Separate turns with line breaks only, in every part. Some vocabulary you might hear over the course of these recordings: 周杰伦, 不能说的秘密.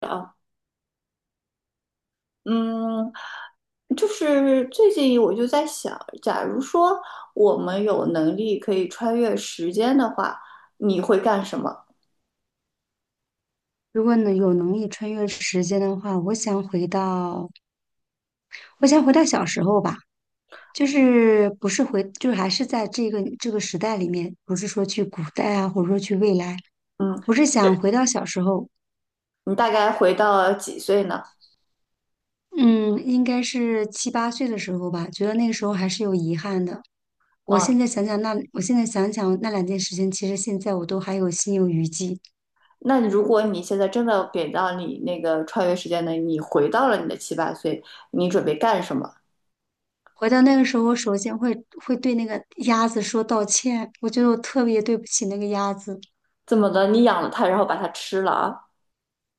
啊，嗯，就是最近我就在想，假如说我们有能力可以穿越时间的话，你会干什么？
如果能有能力穿越时间的话，我想回到，我想回到小时候吧，就是不是回，就是还是在这个时代里面，不是说去古代啊，或者说去未来，
嗯，
我是想回到小时候，
你大概回到几岁呢？
嗯，应该是七八岁的时候吧，觉得那个时候还是有遗憾的。我
嗯，
现在想想那，我现在想想那两件事情，其实现在我都还有心有余悸。
那你如果现在真的给到你那个穿越时间的，你回到了你的七八岁，你准备干什么？
回到那个时候，我首先会对那个鸭子说道歉，我觉得我特别对不起那个鸭子。
怎么的？你养了它，然后把它吃了啊？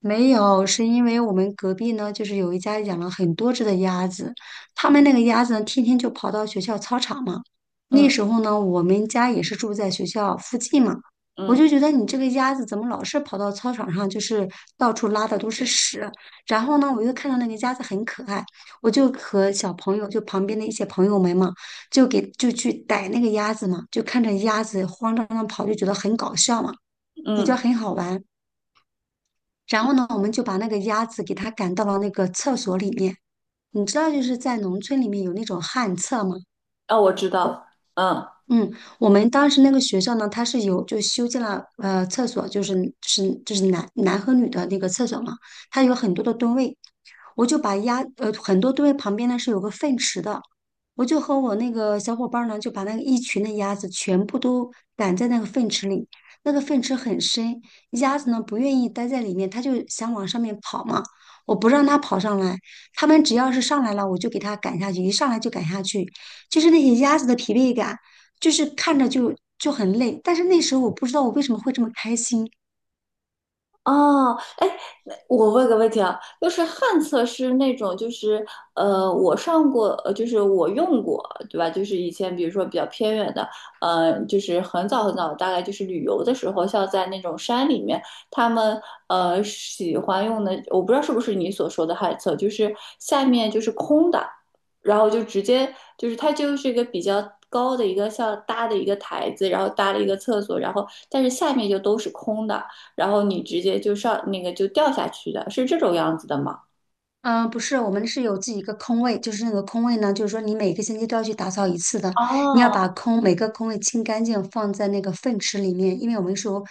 没有，是因为我们隔壁呢，就是有一家养了很多只的鸭子，他们那个鸭子呢，天天就跑到学校操场嘛。那
嗯
时候呢，我们家也是住在学校附近嘛，我
嗯
就觉得你这个鸭子怎么老是跑到操场上，就是到处拉的都是屎。然后呢，我又看到那个鸭子很可爱，我就和小朋友，就旁边的一些朋友们嘛，就给就去逮那个鸭子嘛，就看着鸭子慌张张地跑，就觉得很搞笑嘛，比较
嗯，
很好玩。然后呢，我们就把那个鸭子给它赶到了那个厕所里面。你知道，就是在农村里面有那种旱厕吗？
哦，我知道，嗯。
嗯，我们当时那个学校呢，它是有就修建了厕所，就是是就是男和女的那个厕所嘛，它有很多的蹲位，我就把鸭很多蹲位旁边呢是有个粪池的，我就和我那个小伙伴儿呢就把那个一群的鸭子全部都赶在那个粪池里，那个粪池很深，鸭子呢不愿意待在里面，它就想往上面跑嘛，我不让它跑上来，它们只要是上来了，我就给它赶下去，一上来就赶下去，就是那些鸭子的疲惫感。就是看着就很累。但是那时候我不知道我为什么会这么开心。
哦，哎，那我问个问题啊，就是旱厕是那种，就是我上过，就是我用过，对吧？就是以前比如说比较偏远的，就是很早很早，大概就是旅游的时候，像在那种山里面，他们喜欢用的，我不知道是不是你所说的旱厕，就是下面就是空的，然后就直接就是它就是一个比较高的一个像搭的一个台子，然后搭了一个厕所，然后但是下面就都是空的。然后你直接就上那个就掉下去的，是这种样子的吗？
嗯、不是，我们是有自己一个空位，就是那个空位呢，就是说你每个星期都要去打扫一次的，你要
哦，
把空每个空位清干净，放在那个粪池里面，因为我们是有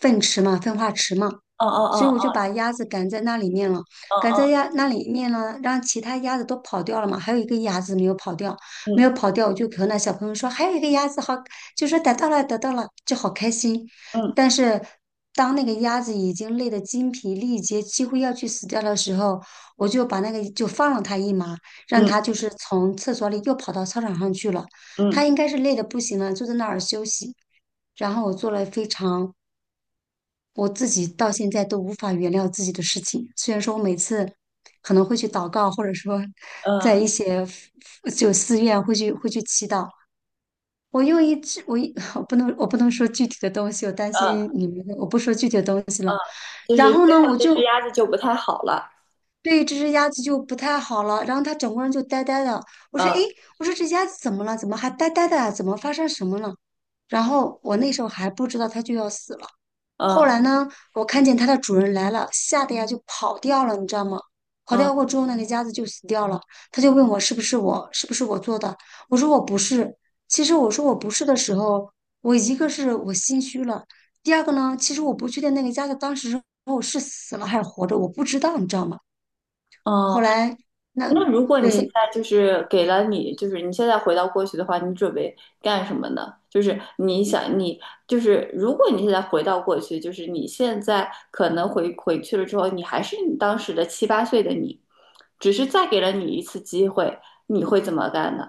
粪池嘛，粪化池嘛。
哦
所以
哦
我就
哦
把鸭子赶在那里面了，
哦
赶
哦，
在鸭那里面呢，让其他鸭子都跑掉了嘛，还有一个鸭子没有跑掉，没有
嗯
跑掉，我就和那小朋友说，还有一个鸭子好，就说逮到了，逮到了，就好开心。
嗯
但是当那个鸭子已经累得精疲力竭，几乎要去死掉的时候，我就把那个就放了它一马，让
嗯
它就是从厕所里又跑到操场上去了。
嗯
它应该是累得不行了，就在那儿休息。然后我做了非常我自己到现在都无法原谅自己的事情。虽然说我每次可能会去祷告，或者说
嗯
在
嗯
一些就寺院会去祈祷。我用一只我一 我不能说具体的东西，我担
嗯
心你们的我不说具体的东西。
嗯，就
然
是
后
最
呢，
后
我
这只
就
鸭子就不太好了，
对这只鸭子就不太好了，然后它整个人就呆呆的。我说，诶，
嗯
我说这鸭子怎么了？怎么还呆呆的啊怎么发生什么了？然后我那时候还不知道它就要死了。后
嗯
来呢，我看见它的主人来了，吓得呀就跑掉了，你知道吗？跑
嗯
掉过之后呢，那个鸭子就死掉了。他就问我是不是我，是不是我做的？我说我不是。其实我说我不是的时候，我一个是我心虚了，第二个呢，其实我不确定那个鸭子当时是死了还是活着，我不知道，你知道吗？后
嗯，
来那
那如果你现
对
在就是给了你，就是你现在回到过去的话，你准备干什么呢？就是你想你就是如果你现在回到过去，就是你现在可能回去了之后，你还是你当时的七八岁的你，只是再给了你一次机会，你会怎么干呢？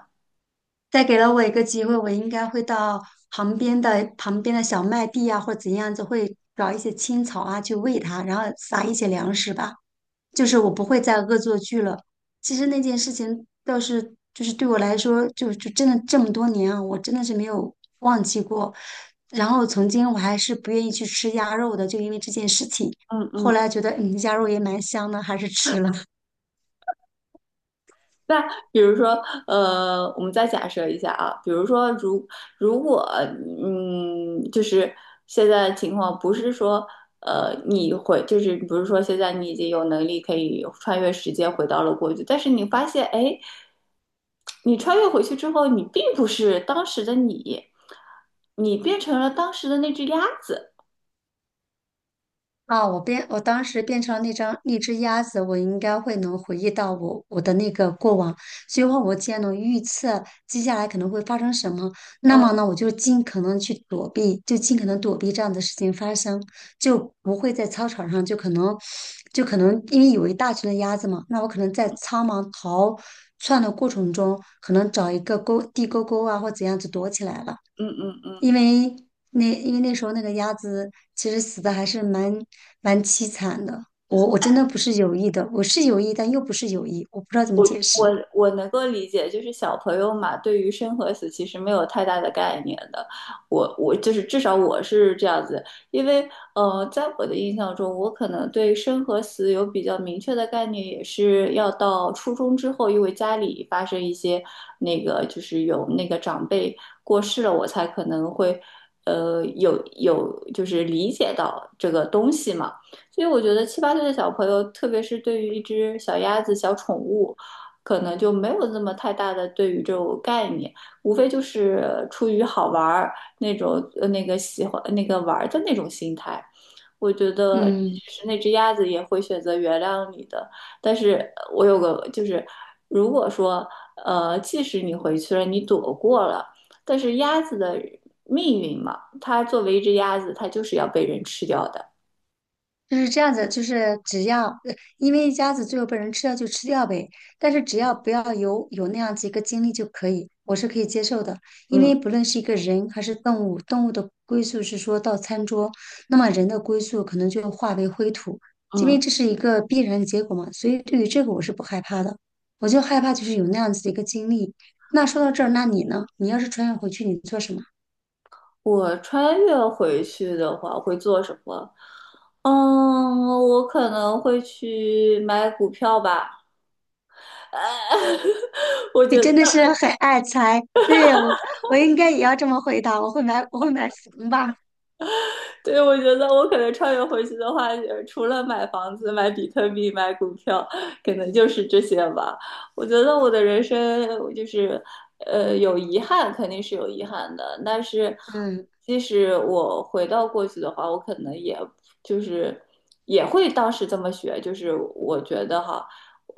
再给了我一个机会，我应该会到旁边的小麦地啊，或者怎样子，会找一些青草啊去喂它，然后撒一些粮食吧。就是我不会再恶作剧了。其实那件事情倒是就是对我来说，就真的这么多年啊，我真的是没有忘记过。然后曾经我还是不愿意去吃鸭肉的，就因为这件事情。
嗯
后
嗯。
来觉得嗯，鸭肉也蛮香的，还是吃了。
那比如说，我们再假设一下啊，比如说如果，就是现在情况不是说，就是不是说现在你已经有能力可以穿越时间回到了过去，但是你发现，哎，你穿越回去之后，你并不是当时的你，你变成了当时的那只鸭子，
啊，我变，我当时变成那张那只鸭子，我应该会能回忆到我的那个过往，所以话我既然能预测接下来可能会发生什么，那么
嗯
呢，我就尽可能去躲避，就尽可能躲避这样的事情发生，就不会在操场上就可能就可能因为有一大群的鸭子嘛，那我可能在苍茫逃窜的过程中，可能找一个沟地沟沟啊或怎样子躲起来了。
嗯嗯嗯。
因为那因为那时候那个鸭子其实死的还是蛮凄惨的。我真的不是有意的，我是有意，但又不是有意，我不知道怎么解
我
释。
我能够理解，就是小朋友嘛，对于生和死其实没有太大的概念的。我就是至少我是这样子，因为在我的印象中，我可能对生和死有比较明确的概念，也是要到初中之后，因为家里发生一些那个就是有那个长辈过世了，我才可能会有就是理解到这个东西嘛。所以我觉得七八岁的小朋友，特别是对于一只小鸭子、小宠物。可能就没有那么太大的对于这种概念，无非就是出于好玩儿那种那个喜欢那个玩儿的那种心态。我觉得
嗯。
是那只鸭子也会选择原谅你的，但是我有个就是，如果说即使你回去了，你躲过了，但是鸭子的命运嘛，它作为一只鸭子，它就是要被人吃掉的。
就是这样子，就是只要，呃因为一家子最后被人吃掉就吃掉呗，但是只要不要有那样子一个经历就可以，我是可以接受的。因
嗯
为不论是一个人还是动物，动物的归宿是说到餐桌，那么人的归宿可能就化为灰土，因为
嗯，
这是一个必然的结果嘛。所以对于这个我是不害怕的，我就害怕就是有那样子的一个经历。那说到这儿，那你呢？你要是穿越回去，你做什么？
我穿越回去的话会做什么？我可能会去买股票吧。我
你
觉得
真的是很爱财，对我，我应该也要这么回答。我会买，我会买房吧。
对，我觉得我可能穿越回去的话，除了买房子、买比特币、买股票，可能就是这些吧。我觉得我的人生我就是，有遗憾肯定是有遗憾的，但是
嗯
即使我回到过去的话，我可能也就是也会当时这么学，就是我觉得哈。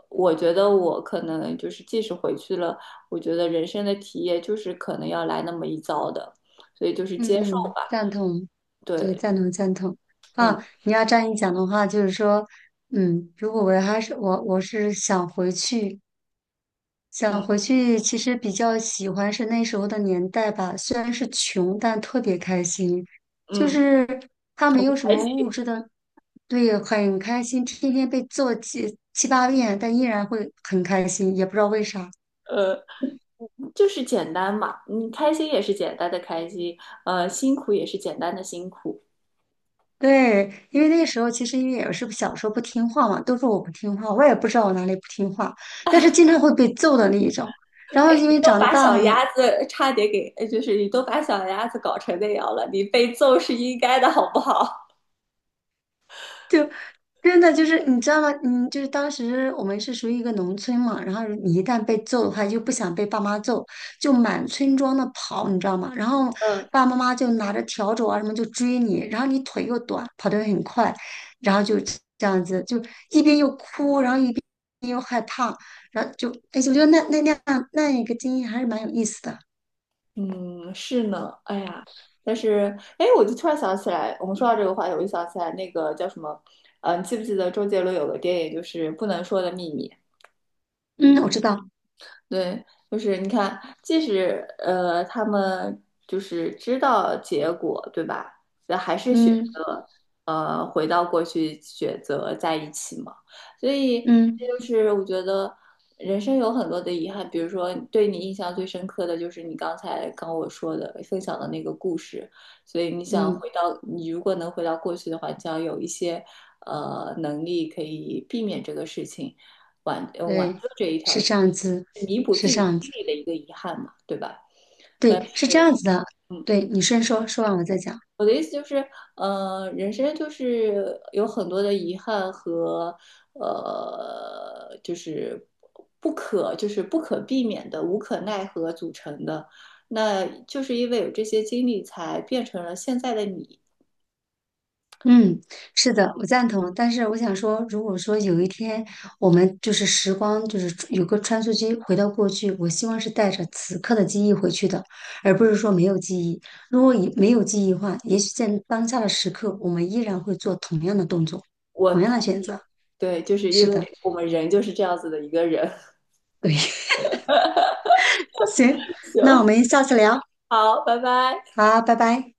我觉得我可能就是，即使回去了，我觉得人生的体验就是可能要来那么一遭的，所以就是接受
嗯，
吧。
赞同，对，
对，
赞同赞同。
嗯。
啊，你要这样一讲的话，就是说，嗯，如果我还是我是想回去，想
嗯
回去，其实比较喜欢是那时候的年代吧。虽然是穷，但特别开心，就
嗯，
是他没
重
有什
开
么
机，
物质的，对，很开心。天天被揍七七八遍，但依然会很开心，也不知道为啥。
呃，就是简单嘛，你开心也是简单的开心，辛苦也是简单的辛苦。
对，因为那个时候其实因为也是小时候不听话嘛，都说我不听话，我也不知道我哪里不听话，但是经常会被揍的那一种。然后因
你
为
都
长
把小
大了嘛。
鸭子差点给，就是你都把小鸭子搞成那样了，你被揍是应该的，好不好？
就。真的就是你知道吗？嗯，就是当时我们是属于一个农村嘛，然后你一旦被揍的话，就不想被爸妈揍，就满村庄的跑，你知道吗？然 后
嗯
爸爸妈妈就拿着笤帚啊什么就追你，然后你腿又短，跑得很快，然后就这样子，就一边又哭，然后一边又害怕，然后就，哎，我觉得那那样那一个经历还是蛮有意思的。
嗯，是呢，哎呀，但是，哎，我就突然想起来，我们说到这个话题，我就想起来那个叫什么，你记不记得周杰伦有个电影就是《不能说的秘密》？
嗯，我知道，
对，就是你看，即使他们就是知道结果，对吧？那还是选
嗯
择回到过去，选择在一起嘛。所以这
嗯
就是我觉得人生有很多的遗憾，比如说对你印象最深刻的就是你刚才跟我说的分享的那个故事。所以你想
嗯，
回到，你如果能回到过去的话，你想有一些能力可以避免这个事情。挽
对，
救这一条
是
是
这样子，
弥补
是
自
这
己
样
心
子。
里的一个遗憾嘛，对吧？
对，是这样子的。
嗯，
对，你先说，说完我再讲。
我的意思就是，人生就是有很多的遗憾和就是不可就是不可避免的、无可奈何组成的。那就是因为有这些经历，才变成了现在的你。
嗯，是的，我赞同。但是我想说，如果说有一天我们就是时光，就是有个穿梭机回到过去，我希望是带着此刻的记忆回去的，而不是说没有记忆。如果以没有记忆的话，也许在当下的时刻，我们依然会做同样的动作，
我
同样
同
的选择。
对，就是
是
因
的，
为我们人就是这样子的一个人。
对，行，那
行，
我们下次聊，
好，拜拜。
好，拜拜。